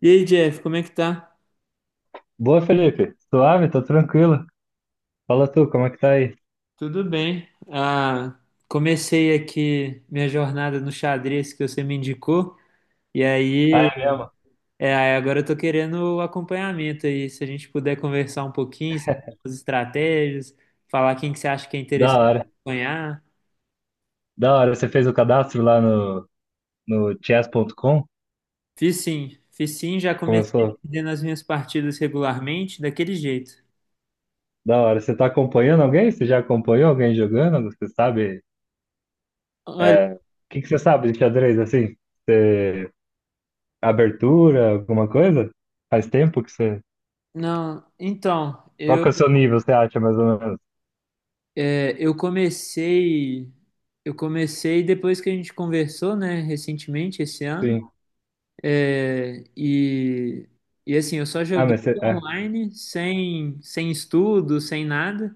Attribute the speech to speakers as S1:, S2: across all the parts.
S1: E aí, Jeff, como é que tá?
S2: Boa, Felipe. Suave, tô tranquilo. Fala tu, como é que tá aí?
S1: Tudo bem. Comecei aqui minha jornada no xadrez que você me indicou, e
S2: Ah,
S1: aí
S2: é mesmo?
S1: aí agora eu tô querendo o acompanhamento aí. Se a gente puder conversar um pouquinho sobre as estratégias, falar quem que você acha que é
S2: Da
S1: interessante
S2: hora.
S1: acompanhar.
S2: Da hora. Você fez o cadastro lá no chess.com?
S1: Fiz sim, já comecei
S2: Começou?
S1: perdendo as minhas partidas regularmente, daquele jeito.
S2: Da hora. Você tá acompanhando alguém? Você já acompanhou alguém jogando? Você sabe?
S1: Olha,
S2: É. O que que você sabe de xadrez, assim? Você. Abertura, alguma coisa? Faz tempo que você.
S1: não, então,
S2: Qual
S1: eu
S2: que é o seu nível, você acha, mais ou menos?
S1: É, eu comecei, eu comecei depois que a gente conversou, né, recentemente esse ano.
S2: Sim.
S1: É, e, e assim, eu só
S2: Ah,
S1: joguei
S2: mas você. É.
S1: online, sem estudo, sem nada.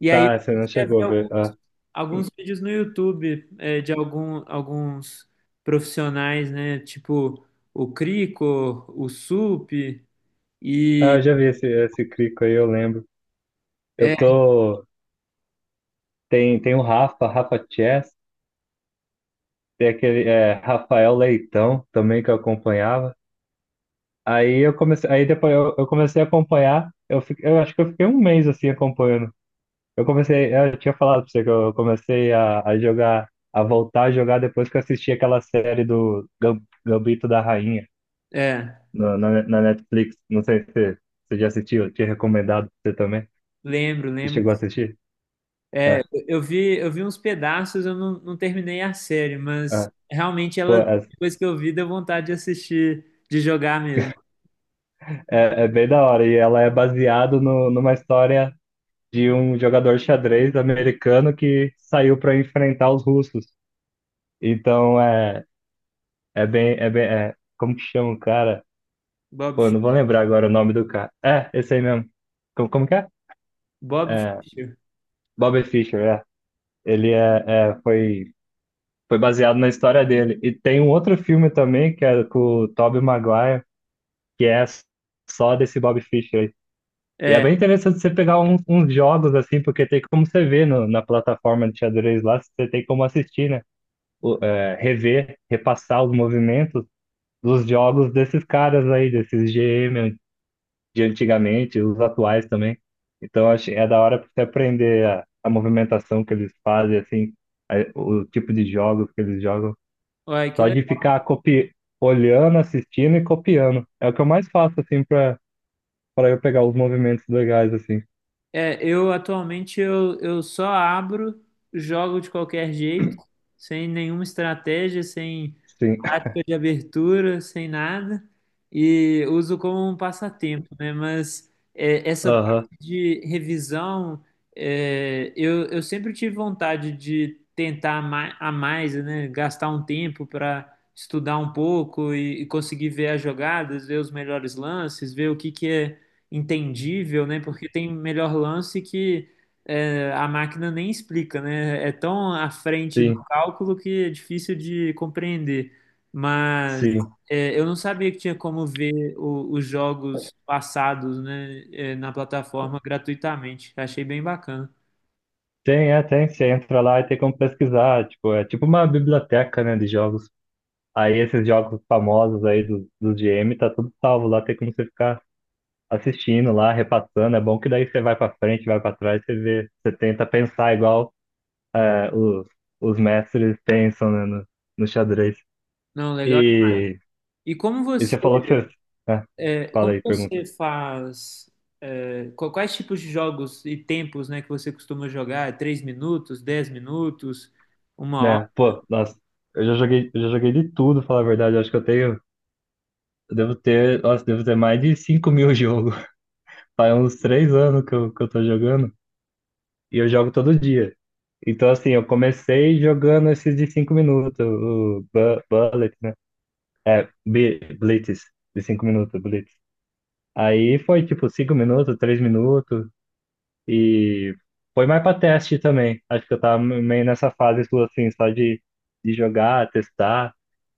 S1: E aí eu
S2: Tá, você não
S1: comecei a
S2: chegou
S1: ver
S2: a ver. Ah,
S1: alguns vídeos no YouTube, de alguns profissionais, né, tipo o Crico, o Sup,
S2: ah
S1: e
S2: eu já vi esse crico aí, eu lembro. Eu
S1: é,
S2: tô. Tem o Rafa Chess, tem aquele Rafael Leitão também que eu acompanhava. Aí eu comecei, aí depois eu comecei a acompanhar, eu acho que eu fiquei um mês assim acompanhando. Eu comecei, eu tinha falado pra você que eu comecei a jogar, a voltar a jogar depois que eu assisti aquela série do Gambito da Rainha
S1: é,
S2: na Netflix. Não sei se você já assistiu, eu tinha recomendado pra você também.
S1: lembro,
S2: Você
S1: lembro.
S2: chegou a assistir?
S1: É,
S2: É,
S1: eu vi uns pedaços, eu não terminei a série, mas
S2: é.
S1: realmente
S2: Pô,
S1: depois que eu vi, deu vontade de assistir, de jogar mesmo.
S2: é é bem da hora. E ela é baseada numa história de um jogador de xadrez americano que saiu para enfrentar os russos. Então é bem, como que chama o cara?
S1: Bob,
S2: Pô, eu
S1: Fi-
S2: não vou lembrar agora o nome do cara. É, esse aí mesmo. Como que é?
S1: Bob
S2: É,
S1: Fischer.
S2: Bobby Fischer, é. Ele é, foi, foi baseado na história dele. E tem um outro filme também, que é com o Tobey Maguire, que é só desse Bobby Fischer aí. E é
S1: É,
S2: bem interessante você pegar uns jogos assim, porque tem como você ver na plataforma de xadrez lá, você tem como assistir, né? Rever, repassar os movimentos dos jogos desses caras aí, desses GM de antigamente, os atuais também. Então, acho, é da hora pra você aprender a movimentação que eles fazem, assim, o tipo de jogos que eles jogam.
S1: olha,
S2: Só de ficar copi olhando, assistindo e copiando. É o que eu mais faço, assim, pra eu pegar os movimentos legais, assim.
S1: eu atualmente eu só abro, jogo de qualquer jeito, sem nenhuma estratégia, sem
S2: Sim.
S1: tática de abertura, sem nada, e uso como um passatempo, né? Mas é, essa
S2: Aham,
S1: parte de revisão, eu sempre tive vontade de tentar a mais, né? Gastar um tempo para estudar um pouco e conseguir ver as jogadas, ver os melhores lances, ver o que que é entendível, né? Porque tem melhor lance que a máquina nem explica, né? É tão à frente no
S2: sim,
S1: cálculo que é difícil de compreender. Mas
S2: sim.
S1: é, eu não sabia que tinha como ver os jogos passados, né, é, na plataforma gratuitamente. Achei bem bacana.
S2: Tem. Você entra lá e tem como pesquisar. Tipo, é tipo uma biblioteca, né, de jogos. Aí esses jogos famosos aí do GM tá tudo salvo lá, tem como você ficar assistindo lá, repassando. É bom que daí você vai pra frente, vai pra trás, você vê, você tenta pensar igual é, os, os mestres pensam, né, no xadrez.
S1: Não, legal.
S2: E,
S1: E como
S2: e
S1: você,
S2: você falou que você. É,
S1: é,
S2: fala
S1: como
S2: aí, pergunta.
S1: você faz, é, quais tipos de jogos e tempos, né, que você costuma jogar? É 3 minutos, 10 minutos, uma
S2: Né, pô, nossa, eu já joguei de tudo, falar a verdade, eu acho que eu tenho. Eu devo ter, nossa, devo ter mais de 5.000 jogos. Faz uns 3 anos que eu tô jogando. E eu jogo todo dia. Então, assim, eu comecei jogando esses de 5 minutos, o Bullet, né? É, Blitz, de 5 minutos, Blitz. Aí foi tipo 5 minutos, 3 minutos, e foi mais pra teste também. Acho que eu tava meio nessa fase, tipo assim, só de jogar, testar.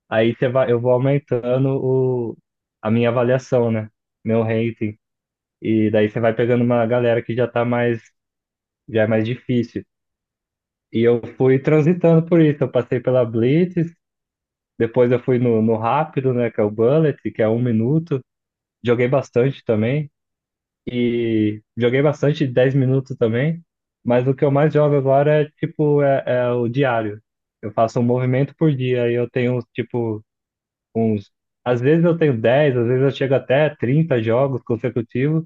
S2: Aí você vai, eu vou aumentando a minha avaliação, né? Meu rating. E daí você vai pegando uma galera que já tá mais, já é mais difícil. E eu fui transitando por isso. Eu passei pela Blitz, depois eu fui no rápido, né? Que é o Bullet, que é 1 minuto. Joguei bastante também. E joguei bastante 10 minutos também. Mas o que eu mais jogo agora é tipo é o diário. Eu faço um movimento por dia e eu tenho tipo uns. Às vezes eu tenho 10, às vezes eu chego até 30 jogos consecutivos,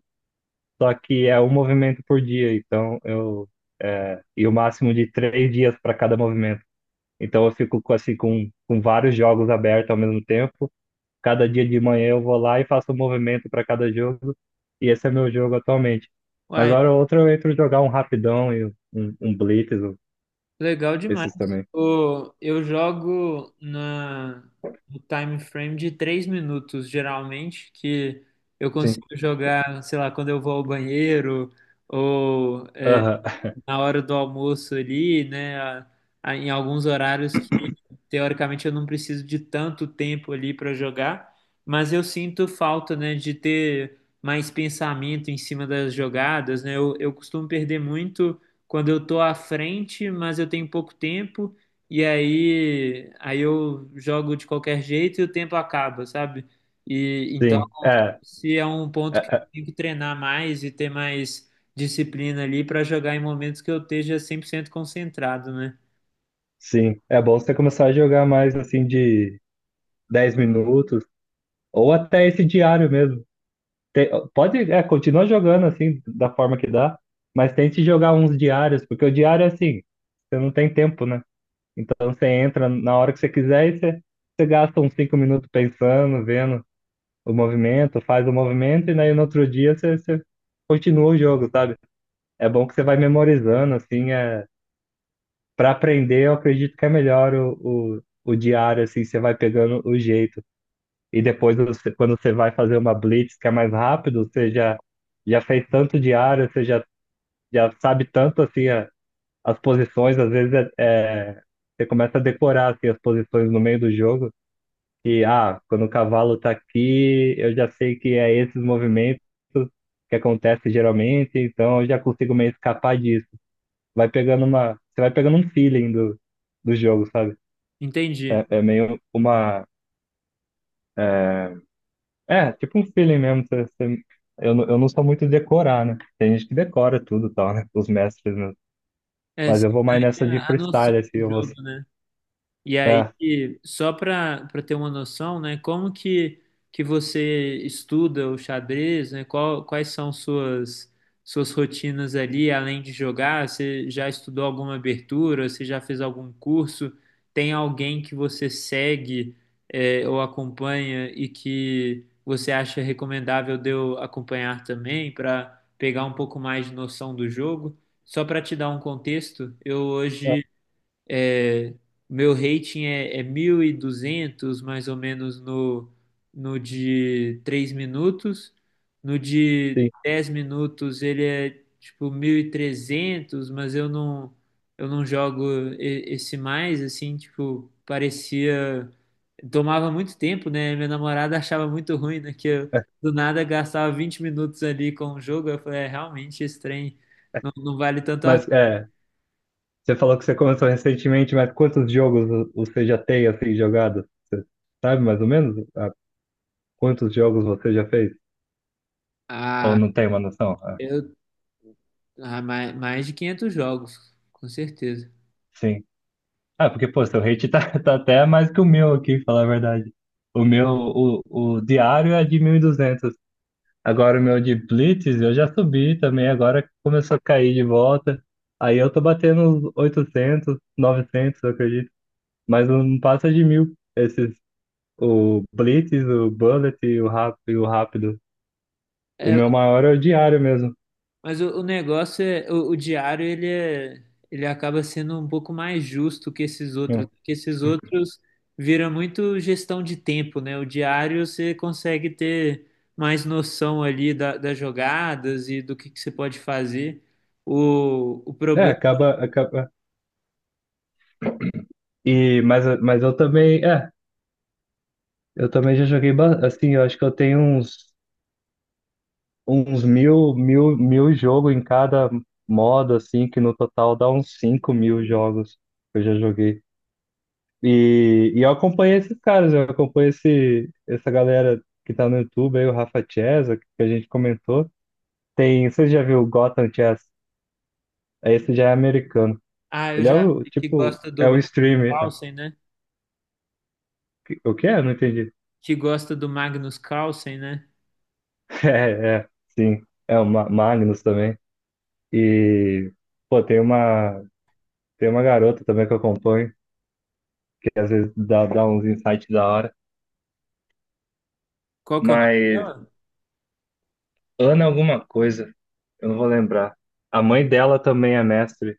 S2: só que é um movimento por dia, então eu. É, e o máximo de 3 dias para cada movimento. Então eu fico assim com vários jogos abertos ao mesmo tempo. Cada dia de manhã eu vou lá e faço um movimento para cada jogo. E esse é meu jogo atualmente. Mas
S1: hora?
S2: hora ou outra eu entro jogar um rapidão e um blitz,
S1: Legal demais.
S2: esses também.
S1: Eu jogo no time frame de 3 minutos, geralmente, que eu
S2: Sim.
S1: consigo jogar, sei lá, quando eu vou ao banheiro, ou
S2: Aham.
S1: na hora do almoço ali, né? Em alguns horários que teoricamente eu não preciso de tanto tempo ali para jogar, mas eu sinto falta, né, de ter mais pensamento em cima das jogadas, né? Eu costumo perder muito quando eu tô à frente, mas eu tenho pouco tempo e aí eu jogo de qualquer jeito e o tempo acaba, sabe? E
S2: Sim. É,
S1: se é um
S2: é,
S1: ponto que eu
S2: é.
S1: tenho que treinar mais e ter mais disciplina ali para jogar em momentos que eu esteja 100% concentrado, né?
S2: Sim. É bom você começar a jogar mais assim de 10 minutos ou até esse diário mesmo. Pode, continua jogando assim da forma que dá, mas tente jogar uns diários, porque o diário é assim, você não tem tempo, né? Então você entra na hora que você quiser e você gasta uns cinco minutos pensando, vendo o movimento, faz o movimento e daí no outro dia você continua o jogo, sabe? É bom que você vai memorizando, assim, para aprender eu acredito que é melhor o diário, assim, você vai pegando o jeito. E depois, quando você vai fazer uma blitz que é mais rápido, você já fez tanto diário, você já sabe tanto, assim, as posições, às vezes você começa a decorar, assim, as posições no meio do jogo que, ah, quando o cavalo está aqui, eu já sei que é esses movimentos que acontece geralmente, então eu já consigo meio escapar disso. Vai pegando você vai pegando um feeling do jogo, sabe?
S1: Entendi.
S2: É, meio tipo um feeling mesmo, eu não sou muito de decorar, né? Tem gente que decora tudo, e tal, né? Os mestres, né?
S1: É,
S2: Mas
S1: você
S2: eu vou mais
S1: tem
S2: nessa de
S1: a noção
S2: freestyle, assim,
S1: do
S2: eu vou,
S1: jogo, né? E aí,
S2: é,
S1: só para ter uma noção, né, como que você estuda o xadrez, né? Qual, quais são suas suas rotinas ali, além de jogar? Você já estudou alguma abertura? Você já fez algum curso? Tem alguém que você segue é, ou acompanha e que você acha recomendável de eu acompanhar também para pegar um pouco mais de noção do jogo? Só para te dar um contexto, eu
S2: é,
S1: hoje é, meu rating é, é 1200 mais ou menos, no de 3 minutos. No de
S2: sim.
S1: 10 minutos ele é tipo 1300 mas eu eu não jogo esse mais, assim, tipo, parecia... Tomava muito tempo, né? Minha namorada achava muito ruim, né? Que eu, do nada, gastava 20 minutos ali com o jogo. Eu falei, é, realmente, esse trem não vale tanto a...
S2: Mas, você falou que você começou recentemente, mas quantos jogos você já tem assim jogado? Você sabe mais ou menos, quantos jogos você já fez? Ou
S1: Ah,
S2: não tem uma noção? Ah,
S1: eu mais de 500 jogos, com certeza.
S2: sim. Ah, porque pô, seu rate tá, tá até mais que o meu aqui, falar a verdade. O meu, o, o diário é de 1.200. Agora o meu de Blitz eu já subi também, agora começou a cair de volta. Aí eu tô batendo uns 800, 900, eu acredito. Mas não passa de 1.000 esses. O Blitz, o Bullet e o Rápido, e o rápido. O
S1: É,
S2: meu maior é o diário mesmo.
S1: mas o negócio é, o diário ele é, ele acaba sendo um pouco mais justo
S2: Hum.
S1: que esses outros vira muito gestão de tempo, né? O diário você consegue ter mais noção ali das jogadas e do que você pode fazer. O
S2: É,
S1: problema,
S2: acaba, acaba. E, mas eu também, eu também já joguei, assim, eu acho que eu tenho uns mil, mil, mil jogos em cada modo, assim, que no total dá uns 5.000 jogos que eu já joguei. E eu acompanhei esses caras, eu acompanho essa galera que tá no YouTube aí, o Rafa Chesa, que a gente comentou. Tem, você já viu o Gotham Chess? Esse já é americano.
S1: ah, eu
S2: Ele é
S1: já
S2: o,
S1: vi que
S2: tipo,
S1: gosta
S2: é
S1: do
S2: o
S1: Magnus
S2: streamer.
S1: Carlsen, né?
S2: O que é? Eu não entendi.
S1: Que gosta do Magnus Carlsen, né?
S2: É, é, sim. É o Magnus também. E, pô, tem uma garota também que eu acompanho, que às vezes dá uns insights da hora.
S1: Qual que é o nome?
S2: Mas Ana alguma coisa, eu não vou lembrar. A mãe dela também é mestre,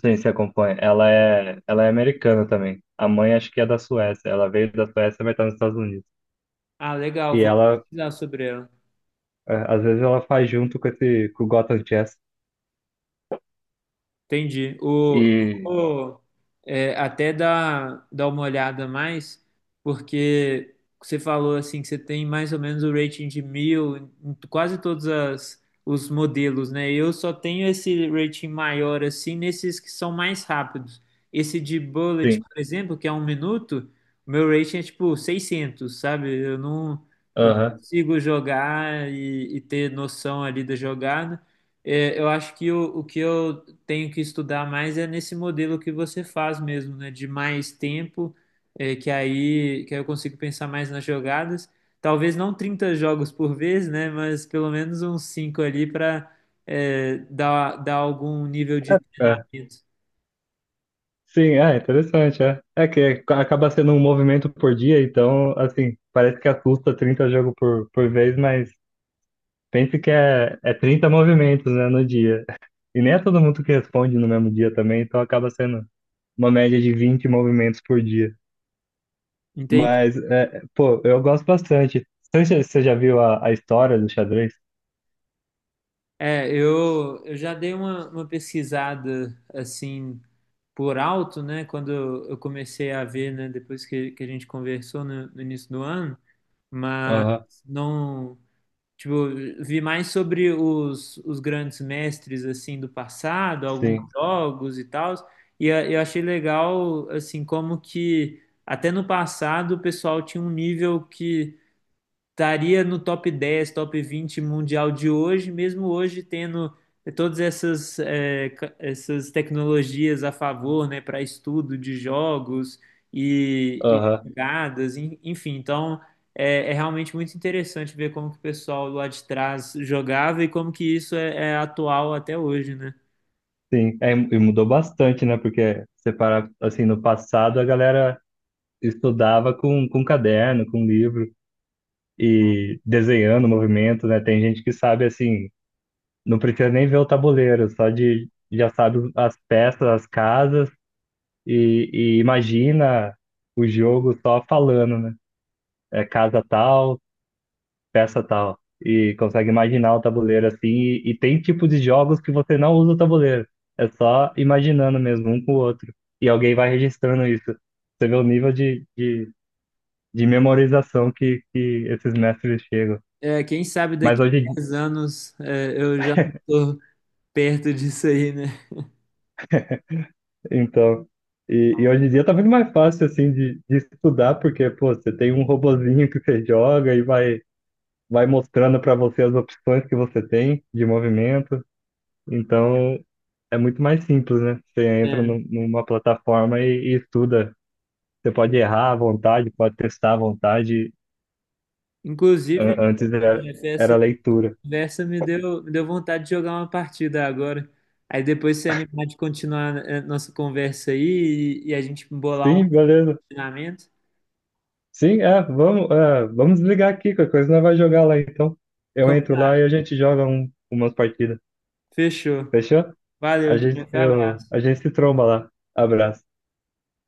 S2: sem se acompanha. Ela é americana também. A mãe acho que é da Suécia. Ela veio da Suécia, mas tá nos Estados Unidos.
S1: Ah, legal,
S2: E
S1: vou
S2: ela,
S1: pesquisar sobre ela.
S2: Às vezes, ela faz junto com com o Gotham Chess.
S1: Entendi.
S2: E,
S1: O- É, até dar, dar uma olhada mais, porque você falou assim que você tem mais ou menos o rating de mil em quase todos os modelos, né? Eu só tenho esse rating maior assim nesses que são mais rápidos. Esse de Bullet,
S2: sim.
S1: por exemplo, que é um minuto, o meu rating é tipo 600, sabe? Eu não
S2: Aham,
S1: consigo jogar e ter noção ali da jogada. É, eu acho que o que eu tenho que estudar mais é nesse modelo que você faz mesmo, né? De mais tempo, é, que aí eu consigo pensar mais nas jogadas. Talvez não 30 jogos por vez, né? Mas pelo menos uns 5 ali para dar, dar algum nível de
S2: é.
S1: treinamento.
S2: Sim, é interessante, é. É que acaba sendo um movimento por dia, então, assim, parece que assusta 30 jogos por vez, mas pense que é 30 movimentos, né, no dia. E nem é todo mundo que responde no mesmo dia também, então acaba sendo uma média de 20 movimentos por dia.
S1: Entende?
S2: Mas, pô, eu gosto bastante. Você já viu a história do xadrez?
S1: É, eu já dei uma pesquisada assim por alto, né? Quando eu comecei a ver, né? Depois que a gente conversou no início do ano, mas
S2: Aham,
S1: não. Tipo, vi mais sobre os grandes mestres, assim, do passado, alguns
S2: sim,
S1: jogos e tal, e eu achei legal, assim, como que até no passado o pessoal tinha um nível que estaria no top 10, top 20 mundial de hoje, mesmo hoje tendo todas essas, essas tecnologias a favor, né, para estudo de jogos e
S2: aham,
S1: jogadas, enfim. Então, é, é realmente muito interessante ver como que o pessoal lá de trás jogava e como que isso é, é atual até hoje, né?
S2: sim. É, e mudou bastante, né, porque você para, assim, no passado a galera estudava com caderno, com livro e desenhando o movimento, né? Tem gente que sabe assim, não precisa nem ver o tabuleiro, só de já sabe as peças, as casas e imagina o jogo só falando, né? É casa tal, peça tal. E consegue imaginar o tabuleiro assim. E tem tipos de jogos que você não usa o tabuleiro. É só imaginando mesmo, um com o outro. E alguém vai registrando isso. Você vê o nível de memorização que esses mestres chegam.
S1: É, quem sabe
S2: Mas
S1: daqui a
S2: hoje,
S1: 10 anos, é, eu já não tô perto disso aí, né?
S2: então, e hoje em dia tá muito mais fácil, assim, de estudar, porque, pô, você tem um robozinho que você joga e vai mostrando para você as opções que você tem de movimento. Então, é muito mais simples, né? Você entra
S1: É.
S2: numa plataforma e estuda. Você pode errar à vontade, pode testar à vontade.
S1: Inclusive,
S2: Antes era,
S1: Jeff,
S2: era
S1: essa
S2: leitura.
S1: conversa me deu vontade de jogar uma partida agora. Aí depois se animar de continuar a nossa conversa aí e a gente bolar um
S2: Sim, beleza.
S1: treinamento.
S2: Sim, vamos desligar aqui, qualquer coisa não vai jogar lá, então. Eu entro lá
S1: Combinado.
S2: e a gente joga umas partidas.
S1: Fechou.
S2: Fechou?
S1: Valeu, Diego. Foi
S2: A gente se tromba lá. Abraço.